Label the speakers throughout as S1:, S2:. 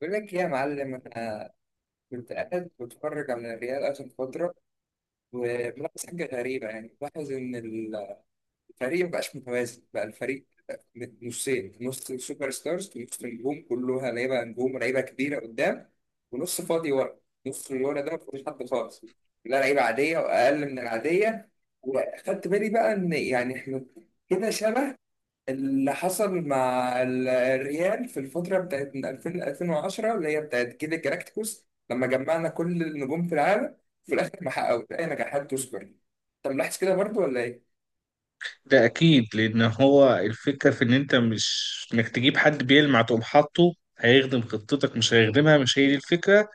S1: بقول لك إيه يا معلم، أنا كنت قاعد بتفرج على الريال آخر فترة وملاحظ حاجة غريبة، يعني ملاحظ إن الفريق مبقاش متوازن. بقى الفريق نصين، نص سوبر ستارز نص نجوم كلها لعيبة نجوم لعيبة كبيرة قدام، ونص فاضي ورا. نص اللي ورا ده مفيش حد خالص، لا لعيبة عادية وأقل من العادية. وأخدت بالي بقى إن يعني إحنا كده شبه اللي حصل مع الريال في الفترة بتاعت من 2000 ل 2010 اللي هي بتاعت جيل الجلاكتيكوس، لما جمعنا كل النجوم في العالم في الآخر ما حققوش أي نجاحات تذكر. طب ملاحظ كده برضو ولا إيه؟
S2: ده اكيد، لان هو الفكره في ان انت مش انك تجيب حد بيلمع تقوم حاطه هيخدم خطتك، مش هيخدمها، مش هي دي الفكره.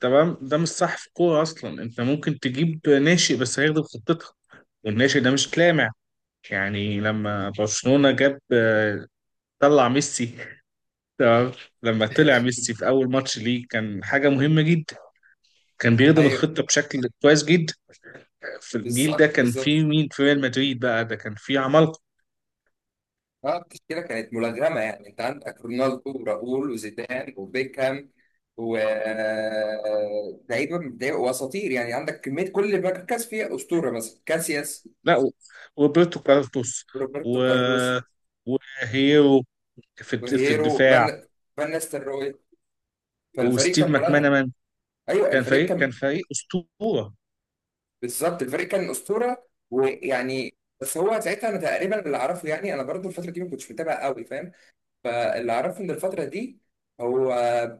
S2: تمام، ده مش صح في الكوره اصلا. انت ممكن تجيب ناشئ بس هيخدم خطتك، والناشئ ده مش لامع. يعني لما برشلونه جاب، طلع ميسي. تمام. لما طلع ميسي في اول ماتش ليه، كان حاجه مهمه جدا. كان بيخدم
S1: أيوه
S2: الخطه بشكل كويس جدا. في الجيل ده
S1: بالظبط
S2: كان
S1: بالظبط.
S2: فيه مين في ريال مدريد؟ بقى ده كان فيه عمالقه.
S1: أه، التشكيلة كانت ملغمة يعني، أنت عندك رونالدو وراؤول وزيدان وبيكهام و لعيبة لعيبة وأساطير، يعني عندك كمية كل مركز فيها أسطورة، مثلا كاسياس،
S2: لا. وروبرتو كارلوس، و...
S1: روبرتو كارلوس،
S2: وهيرو، في
S1: وهيرو
S2: الدفاع.
S1: فان نستروي، فالفريق كان
S2: وستيف
S1: ملغى.
S2: ماكمانامان،
S1: ايوه
S2: كان
S1: الفريق
S2: فريق كان
S1: كان،
S2: فريق اسطوره.
S1: بالظبط الفريق كان اسطوره ويعني، بس هو ساعتها انا تقريبا اللي اعرفه، يعني انا برضو الفتره دي ما كنتش متابع قوي، فاهم؟ فاللي اعرفه ان الفتره دي هو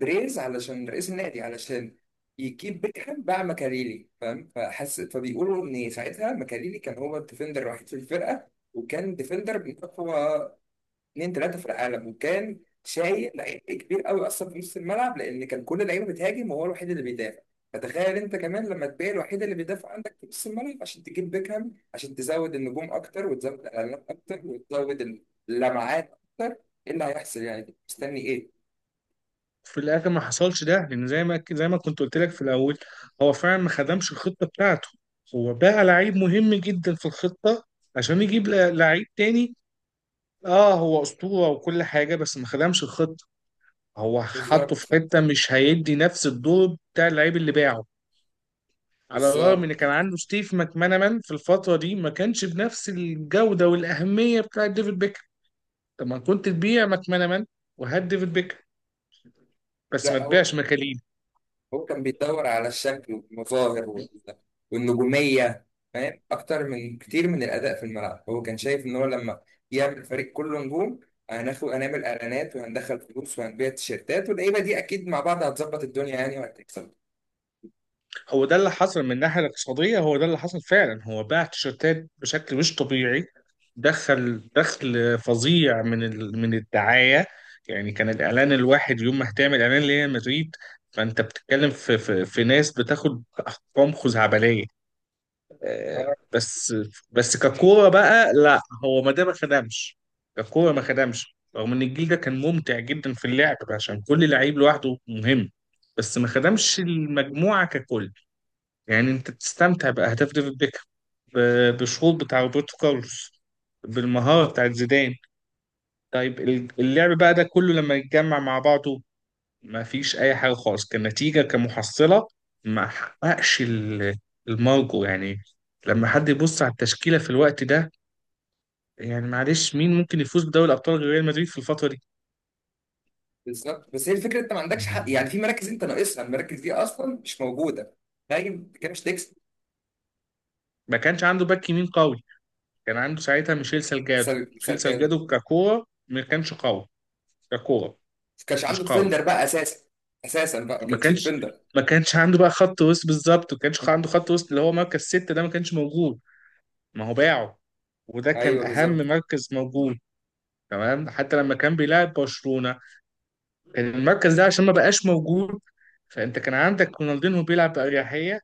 S1: بريز، علشان رئيس النادي، علشان يجيب بيكهام باع مكاريلي، فاهم؟ فحس، فبيقولوا ان ساعتها مكاريلي كان هو الديفندر الوحيد في الفرقه، وكان ديفندر من اقوى اتنين تلاته في العالم، وكان شايل لعيب كبير قوي اصلا في نص الملعب، لان كان كل اللعيبه بتهاجم وهو الوحيد اللي بيدافع. فتخيل انت كمان لما تبيع الوحيد اللي بيدافع عندك في نص الملعب عشان تجيب بيكهام، عشان تزود النجوم اكتر وتزود الاعلانات اكتر وتزود اللمعات اكتر، ايه اللي هيحصل يعني، مستني ايه؟
S2: في الاخر ما حصلش ده، لان زي ما كنت قلت لك في الاول، هو فعلا ما خدمش الخطه بتاعته. هو بقى لعيب مهم جدا في الخطه عشان يجيب لعيب تاني. اه، هو اسطوره وكل حاجه، بس ما خدمش الخطه. هو حطه في
S1: بالظبط
S2: حته مش هيدي نفس الدور بتاع اللعيب اللي باعه، على الرغم
S1: بالظبط.
S2: ان كان عنده ستيف ماكمانامان في الفتره دي ما كانش بنفس الجوده والاهميه بتاعه ديفيد بيكهام. طب ما كنت تبيع ماكمانامان وهات ديفيد بيكهام، بس ما
S1: لا هو
S2: تبيعش مكاليل.
S1: هو كان بيدور على الشكل والمظاهر والنجومية، فاهم؟ أكتر من كتير من الأداء في الملعب. هو كان شايف إن هو لما يعمل فريق كله نجوم هناخد هنعمل إعلانات وهندخل فلوس وهنبيع تيشيرتات، واللعيبة دي أكيد مع بعض هتظبط الدنيا يعني وهتكسب.
S2: هو ده اللي حصل من الناحيه الاقتصاديه، هو ده اللي حصل فعلا. هو باع تيشيرتات بشكل مش طبيعي. دخل فظيع من الدعايه. يعني كان الاعلان الواحد يوم ما هتعمل اعلان لريال مدريد، فانت بتتكلم في ناس بتاخد ارقام خزعبليه.
S1: آه،
S2: بس بس ككوره بقى، لا، هو ما، ده ما خدمش. ككوره ما خدمش، رغم ان الجيل ده كان ممتع جدا في اللعب عشان كل لعيب لوحده مهم، بس ما خدمش المجموعه ككل. يعني انت بتستمتع باهداف ديفيد بيكهام، بالشوط بتاع روبرتو كارلوس، بالمهاره بتاعت زيدان. طيب اللعب بقى ده كله لما يتجمع مع بعضه، ما فيش اي حاجه خالص كنتيجه كمحصله. ما حققش المرجو يعني. لما حد يبص على التشكيله في الوقت ده، يعني معلش، مين ممكن يفوز بدوري الابطال غير ريال مدريد في الفتره دي؟
S1: بالظبط، بس هي الفكرة أنت ما عندكش حق، يعني في مراكز أنت ناقصها المراكز دي أصلا مش موجودة، فاهم كده مش تكسب.
S2: ما كانش عنده باك يمين قوي. كان عنده ساعتها ميشيل سالجادو. ميشيل
S1: ما
S2: سالجادو ككوره ما كانش قوي. ككوره
S1: كانش
S2: مش
S1: عنده
S2: قوي.
S1: ديفندر بقى أساسا، أساسا بقى ما
S2: ما
S1: كانش في
S2: كانش
S1: ديفندر.
S2: ما كانش عنده بقى خط وسط بالظبط، وما كانش عنده خط وسط اللي هو مركز ستة، ده ما كانش موجود. ما هو باعه، وده كان
S1: أيوه
S2: اهم
S1: بالظبط
S2: مركز موجود. تمام، حتى لما كان بيلعب برشلونة كان المركز ده عشان ما بقاش موجود، فانت كان عندك رونالدينهو بيلعب بأريحية،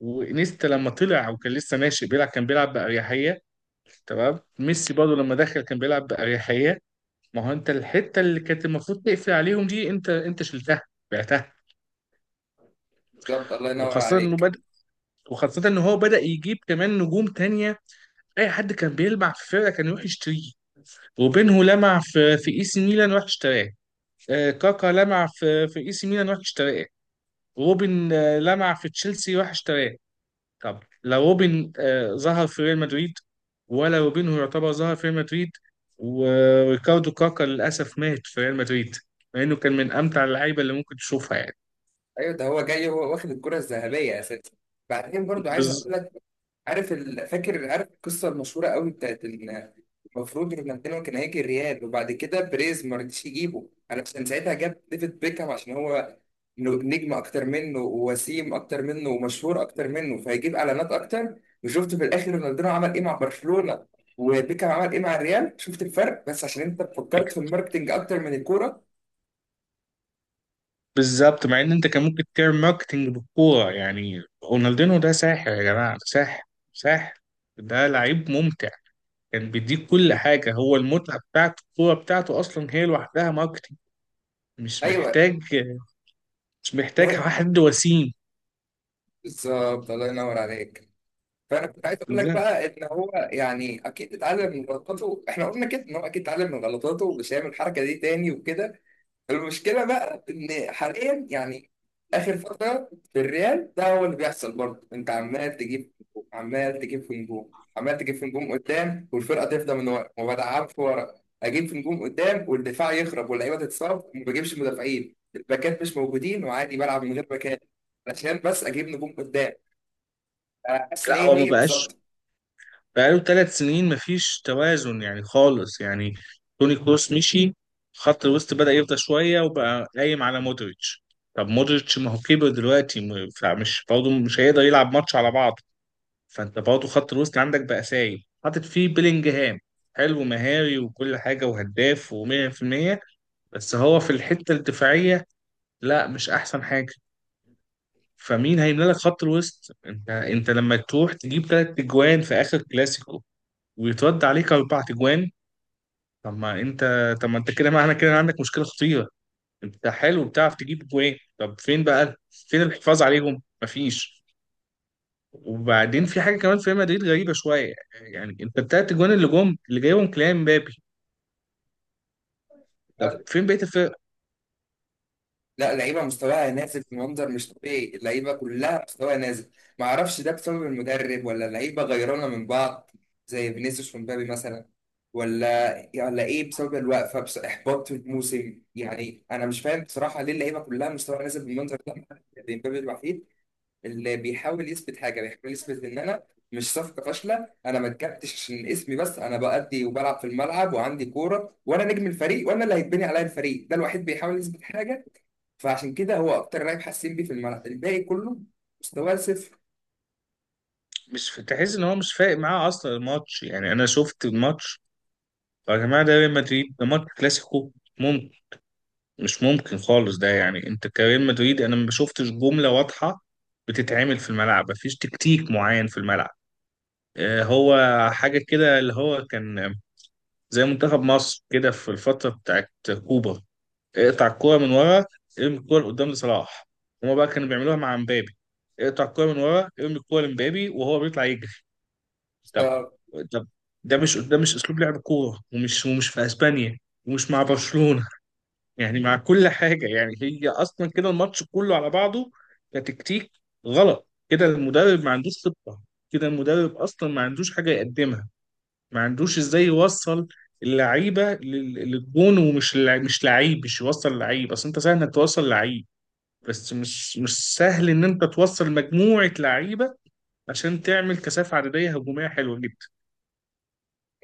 S2: وانيستا لما طلع وكان لسه ناشئ بيلعب كان بيلعب بأريحية. تمام، ميسي برضه لما دخل كان بيلعب بأريحية. ما هو انت الحتة اللي كانت المفروض تقفل عليهم دي، انت شلتها، بعتها.
S1: بالظبط، الله ينور
S2: وخاصة انه
S1: عليك.
S2: بدأ وخاصة ان هو بدأ يجيب كمان نجوم تانية. اي حد كان بيلمع في فرقة كان يروح يشتريه. وبينه لمع في اي سي ميلان، راح اشتراه. كاكا لمع في اي سي ميلان، راح اشتراه. روبن لمع في تشيلسي، راح اشتراه. طب لا، روبن ظهر في ريال مدريد، ولا روبن هو يعتبر ظهر في ريال مدريد. وريكاردو كاكا للأسف مات في ريال مدريد، مع إنه كان من أمتع اللعيبة اللي ممكن تشوفها يعني.
S1: ايوه ده هو جاي وهو واخد الكرة الذهبية اساسا. بعدين برضو عايز
S2: بز...
S1: اقول لك، عارف فاكر، عارف القصة المشهورة قوي بتاعت ان المفروض رونالدينو كان هيجي الريال، وبعد كده بريز ما رضيش يجيبه علشان ساعتها جاب ديفيد بيكهام عشان هو نجم اكتر منه ووسيم اكتر منه ومشهور اكتر منه فهيجيب اعلانات اكتر. وشفت في الاخر رونالدينو عمل ايه مع برشلونة وبيكهام عمل ايه مع الريال، شفت الفرق؟ بس عشان انت فكرت في الماركتينج اكتر من الكورة.
S2: بالظبط، مع إن أنت كان ممكن تعمل ماركتينج بالكورة. يعني رونالدينو ده ساحر، يا جماعة، ده ساحر. ساحر. ده لعيب ممتع. كان بيديك كل حاجة. هو المتعة بتاعته الكورة بتاعته أصلا هي لوحدها ماركتينج. مش
S1: ايوه
S2: محتاج. مش محتاج
S1: مهم.
S2: حد وسيم.
S1: بالظبط، الله ينور عليك. فانا كنت عايز اقول لك
S2: لا،
S1: بقى ان هو يعني اكيد اتعلم من غلطاته، احنا قلنا كده ان هو اكيد اتعلم من غلطاته ومش هيعمل الحركه دي تاني وكده. المشكله بقى ان حاليا يعني اخر فتره في الريال ده هو اللي بيحصل برضه، انت عمال تجيب هجوم، عمال تجيب في نجوم عمال تجيب في نجوم قدام والفرقه تفضى من ورا ما بدعمش ورا، اجيب في نجوم قدام والدفاع يخرب واللعيبه تتصاب وما بجيبش مدافعين، الباكات مش موجودين وعادي بلعب من غير باكات عشان بس اجيب نجوم قدام. انا حاسس ان
S2: لا.
S1: هي
S2: هو ما
S1: هي
S2: بقاش،
S1: بالظبط.
S2: بقاله 3 سنين مفيش توازن يعني خالص يعني. توني كروس مشي، خط الوسط بدأ يفضى شوية وبقى قايم على مودريتش. طب مودريتش ما هو كبر دلوقتي، فمش برضه مش هيقدر يلعب ماتش على بعض. فانت برضه خط الوسط عندك بقى سايب، حاطط فيه بيلينجهام. حلو مهاري وكل حاجة وهداف و100%، بس هو في الحتة الدفاعية لا، مش أحسن حاجة. فمين هيملى لك خط الوسط؟ انت لما تروح تجيب ثلاث اجوان في اخر كلاسيكو، ويترد عليك اربع اجوان. طب ما انت طب ما انت كده، معنى كده عندك مشكله خطيره. انت حلو بتعرف تجيب اجوان، طب فين بقى؟ فين الحفاظ عليهم؟ مفيش. وبعدين في حاجه كمان في ريال مدريد غريبه شويه. يعني انت الثلاث اجوان اللي جم اللي جايبهم كلام مبابي. طب فين بقيه الفرق؟
S1: لا لعيبه مستواها نازل بمنظر مش طبيعي، اللعيبه كلها مستواها نازل، ما اعرفش ده بسبب المدرب ولا اللعيبه غيرانه من بعض، زي فينيسيوس ومبابي مثلا، ولا ايه بسبب الوقفه بس احباط الموسم، يعني انا مش فاهم بصراحه ليه اللعيبه كلها مستواها نازل بالمنظر ده. ما حدش- مبابي الوحيد اللي بيحاول يثبت حاجه، بيحاول يثبت ان انا مش صفقه فاشله، انا ما اتجبتش عشان اسمي بس، انا بأدي وبلعب في الملعب وعندي كوره وانا نجم الفريق وانا اللي هيتبني عليا الفريق، ده الوحيد بيحاول يثبت حاجه. فعشان كده هو اكتر لاعب حاسين بيه في الملعب، الباقي كله مستواه
S2: مش تحس ان هو مش فارق معاه اصلا الماتش؟ يعني انا شفت الماتش، يا جماعه، ده ريال مدريد، ده ماتش كلاسيكو. مش ممكن خالص ده. يعني انت كريال مدريد، انا ما شفتش جمله واضحه بتتعمل في الملعب. مفيش تكتيك معين في الملعب. هو حاجه كده اللي هو كان زي منتخب مصر كده في الفتره بتاعت كوبا: اقطع الكوره من ورا، ارمي الكوره لقدام لصلاح. هما بقى كانوا بيعملوها مع مبابي: اقطع الكوره من ورا، ارمي الكوره لمبابي، وهو بيطلع يجري. طب
S1: صفر.
S2: طب ده مش اسلوب لعب كوره، ومش في اسبانيا، ومش مع برشلونه. يعني مع كل حاجة. يعني هي أصلا كده الماتش كله على بعضه كتكتيك غلط. كده المدرب ما عندوش خطة، كده المدرب أصلا ما عندوش حاجة يقدمها، ما عندوش إزاي يوصل اللعيبة للجون، ومش لع- مش لعيب، مش يوصل لعيب. أصل أنت سهل إنك توصل لعيب، بس مش سهل إن أنت توصل مجموعة لعيبة عشان تعمل كثافة عددية هجومية حلوة جدا.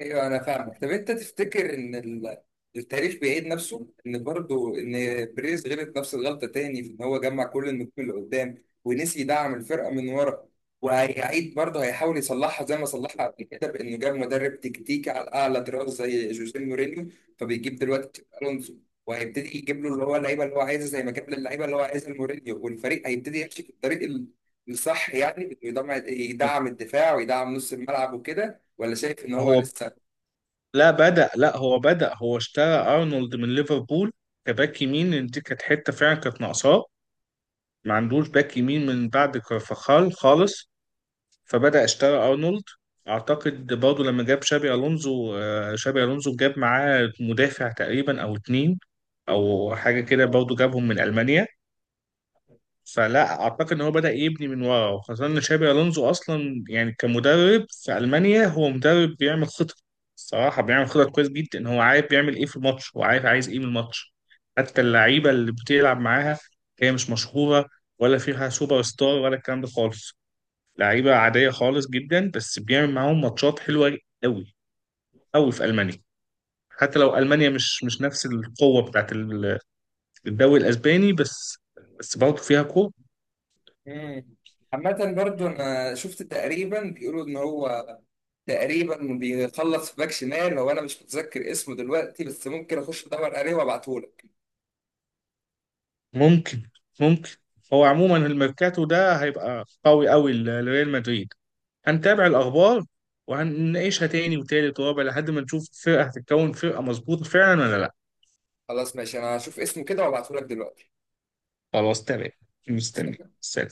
S1: ايوه انا فاهمك. طب انت تفتكر ان التاريخ بيعيد نفسه، ان برضه ان بريز غلط نفس الغلطه تاني في ان هو جمع كل النجوم اللي قدام ونسي يدعم الفرقه من ورا، وهيعيد برضه هيحاول يصلحها زي ما صلحها قبل كده بانه جاب مدرب تكتيكي على اعلى طراز زي جوزيه مورينيو، فبيجيب دلوقتي تشابي الونسو وهيبتدي يجيب له اللي هو اللعيبه اللي هو عايزها زي ما جاب للعيبه اللي هو عايزها مورينيو، والفريق هيبتدي يمشي في الطريق الصح يعني بإنه يدعم يدعم الدفاع ويدعم نص الملعب وكده، ولا شايف ان هو
S2: هو،
S1: لسه
S2: لا، بدأ. لا، هو بدأ. هو اشترى ارنولد من ليفربول كباك يمين، لأن دي كانت حته فعلا كانت ناقصاه. ما عندوش باك يمين من بعد كارفاخال خالص، فبدأ اشترى ارنولد. اعتقد برضه لما جاب شابي الونزو، شابي الونزو جاب معاه مدافع تقريبا او اتنين، او حاجه كده، برضه جابهم من المانيا. فلا اعتقد ان هو بدأ يبني من ورا، وخاصه ان شابي الونزو اصلا يعني كمدرب في المانيا هو مدرب بيعمل خطط. الصراحه بيعمل خطط كويس جدا، ان هو عارف بيعمل ايه في الماتش، هو عارف عايز ايه من الماتش. حتى اللعيبه اللي بتلعب معاها هي مش مشهوره، ولا فيها سوبر ستار ولا الكلام ده خالص. لعيبه عاديه خالص جدا، بس بيعمل معاهم ماتشات حلوه قوي. قوي في المانيا، حتى لو المانيا مش نفس القوه بتاعت الدوري الاسباني، بس بس برضه فيها كوره.
S1: مم. عامة برضو أنا شفت تقريبا بيقولوا إن هو تقريبا بيخلص في باك شمال، هو أنا مش متذكر اسمه دلوقتي بس ممكن أخش أدور عليه وأبعتهولك.
S2: ممكن، ممكن. هو عموما الميركاتو ده هيبقى قوي قوي لريال مدريد. هنتابع الاخبار وهنناقشها تاني وتالت ورابع لحد ما نشوف الفرقه هتتكون فرقه مظبوطه فعلا ولا لا.
S1: خلاص ماشي، أنا هشوف اسمه كده وأبعتهولك دلوقتي.
S2: خلاص، تمام. مستني. سلام.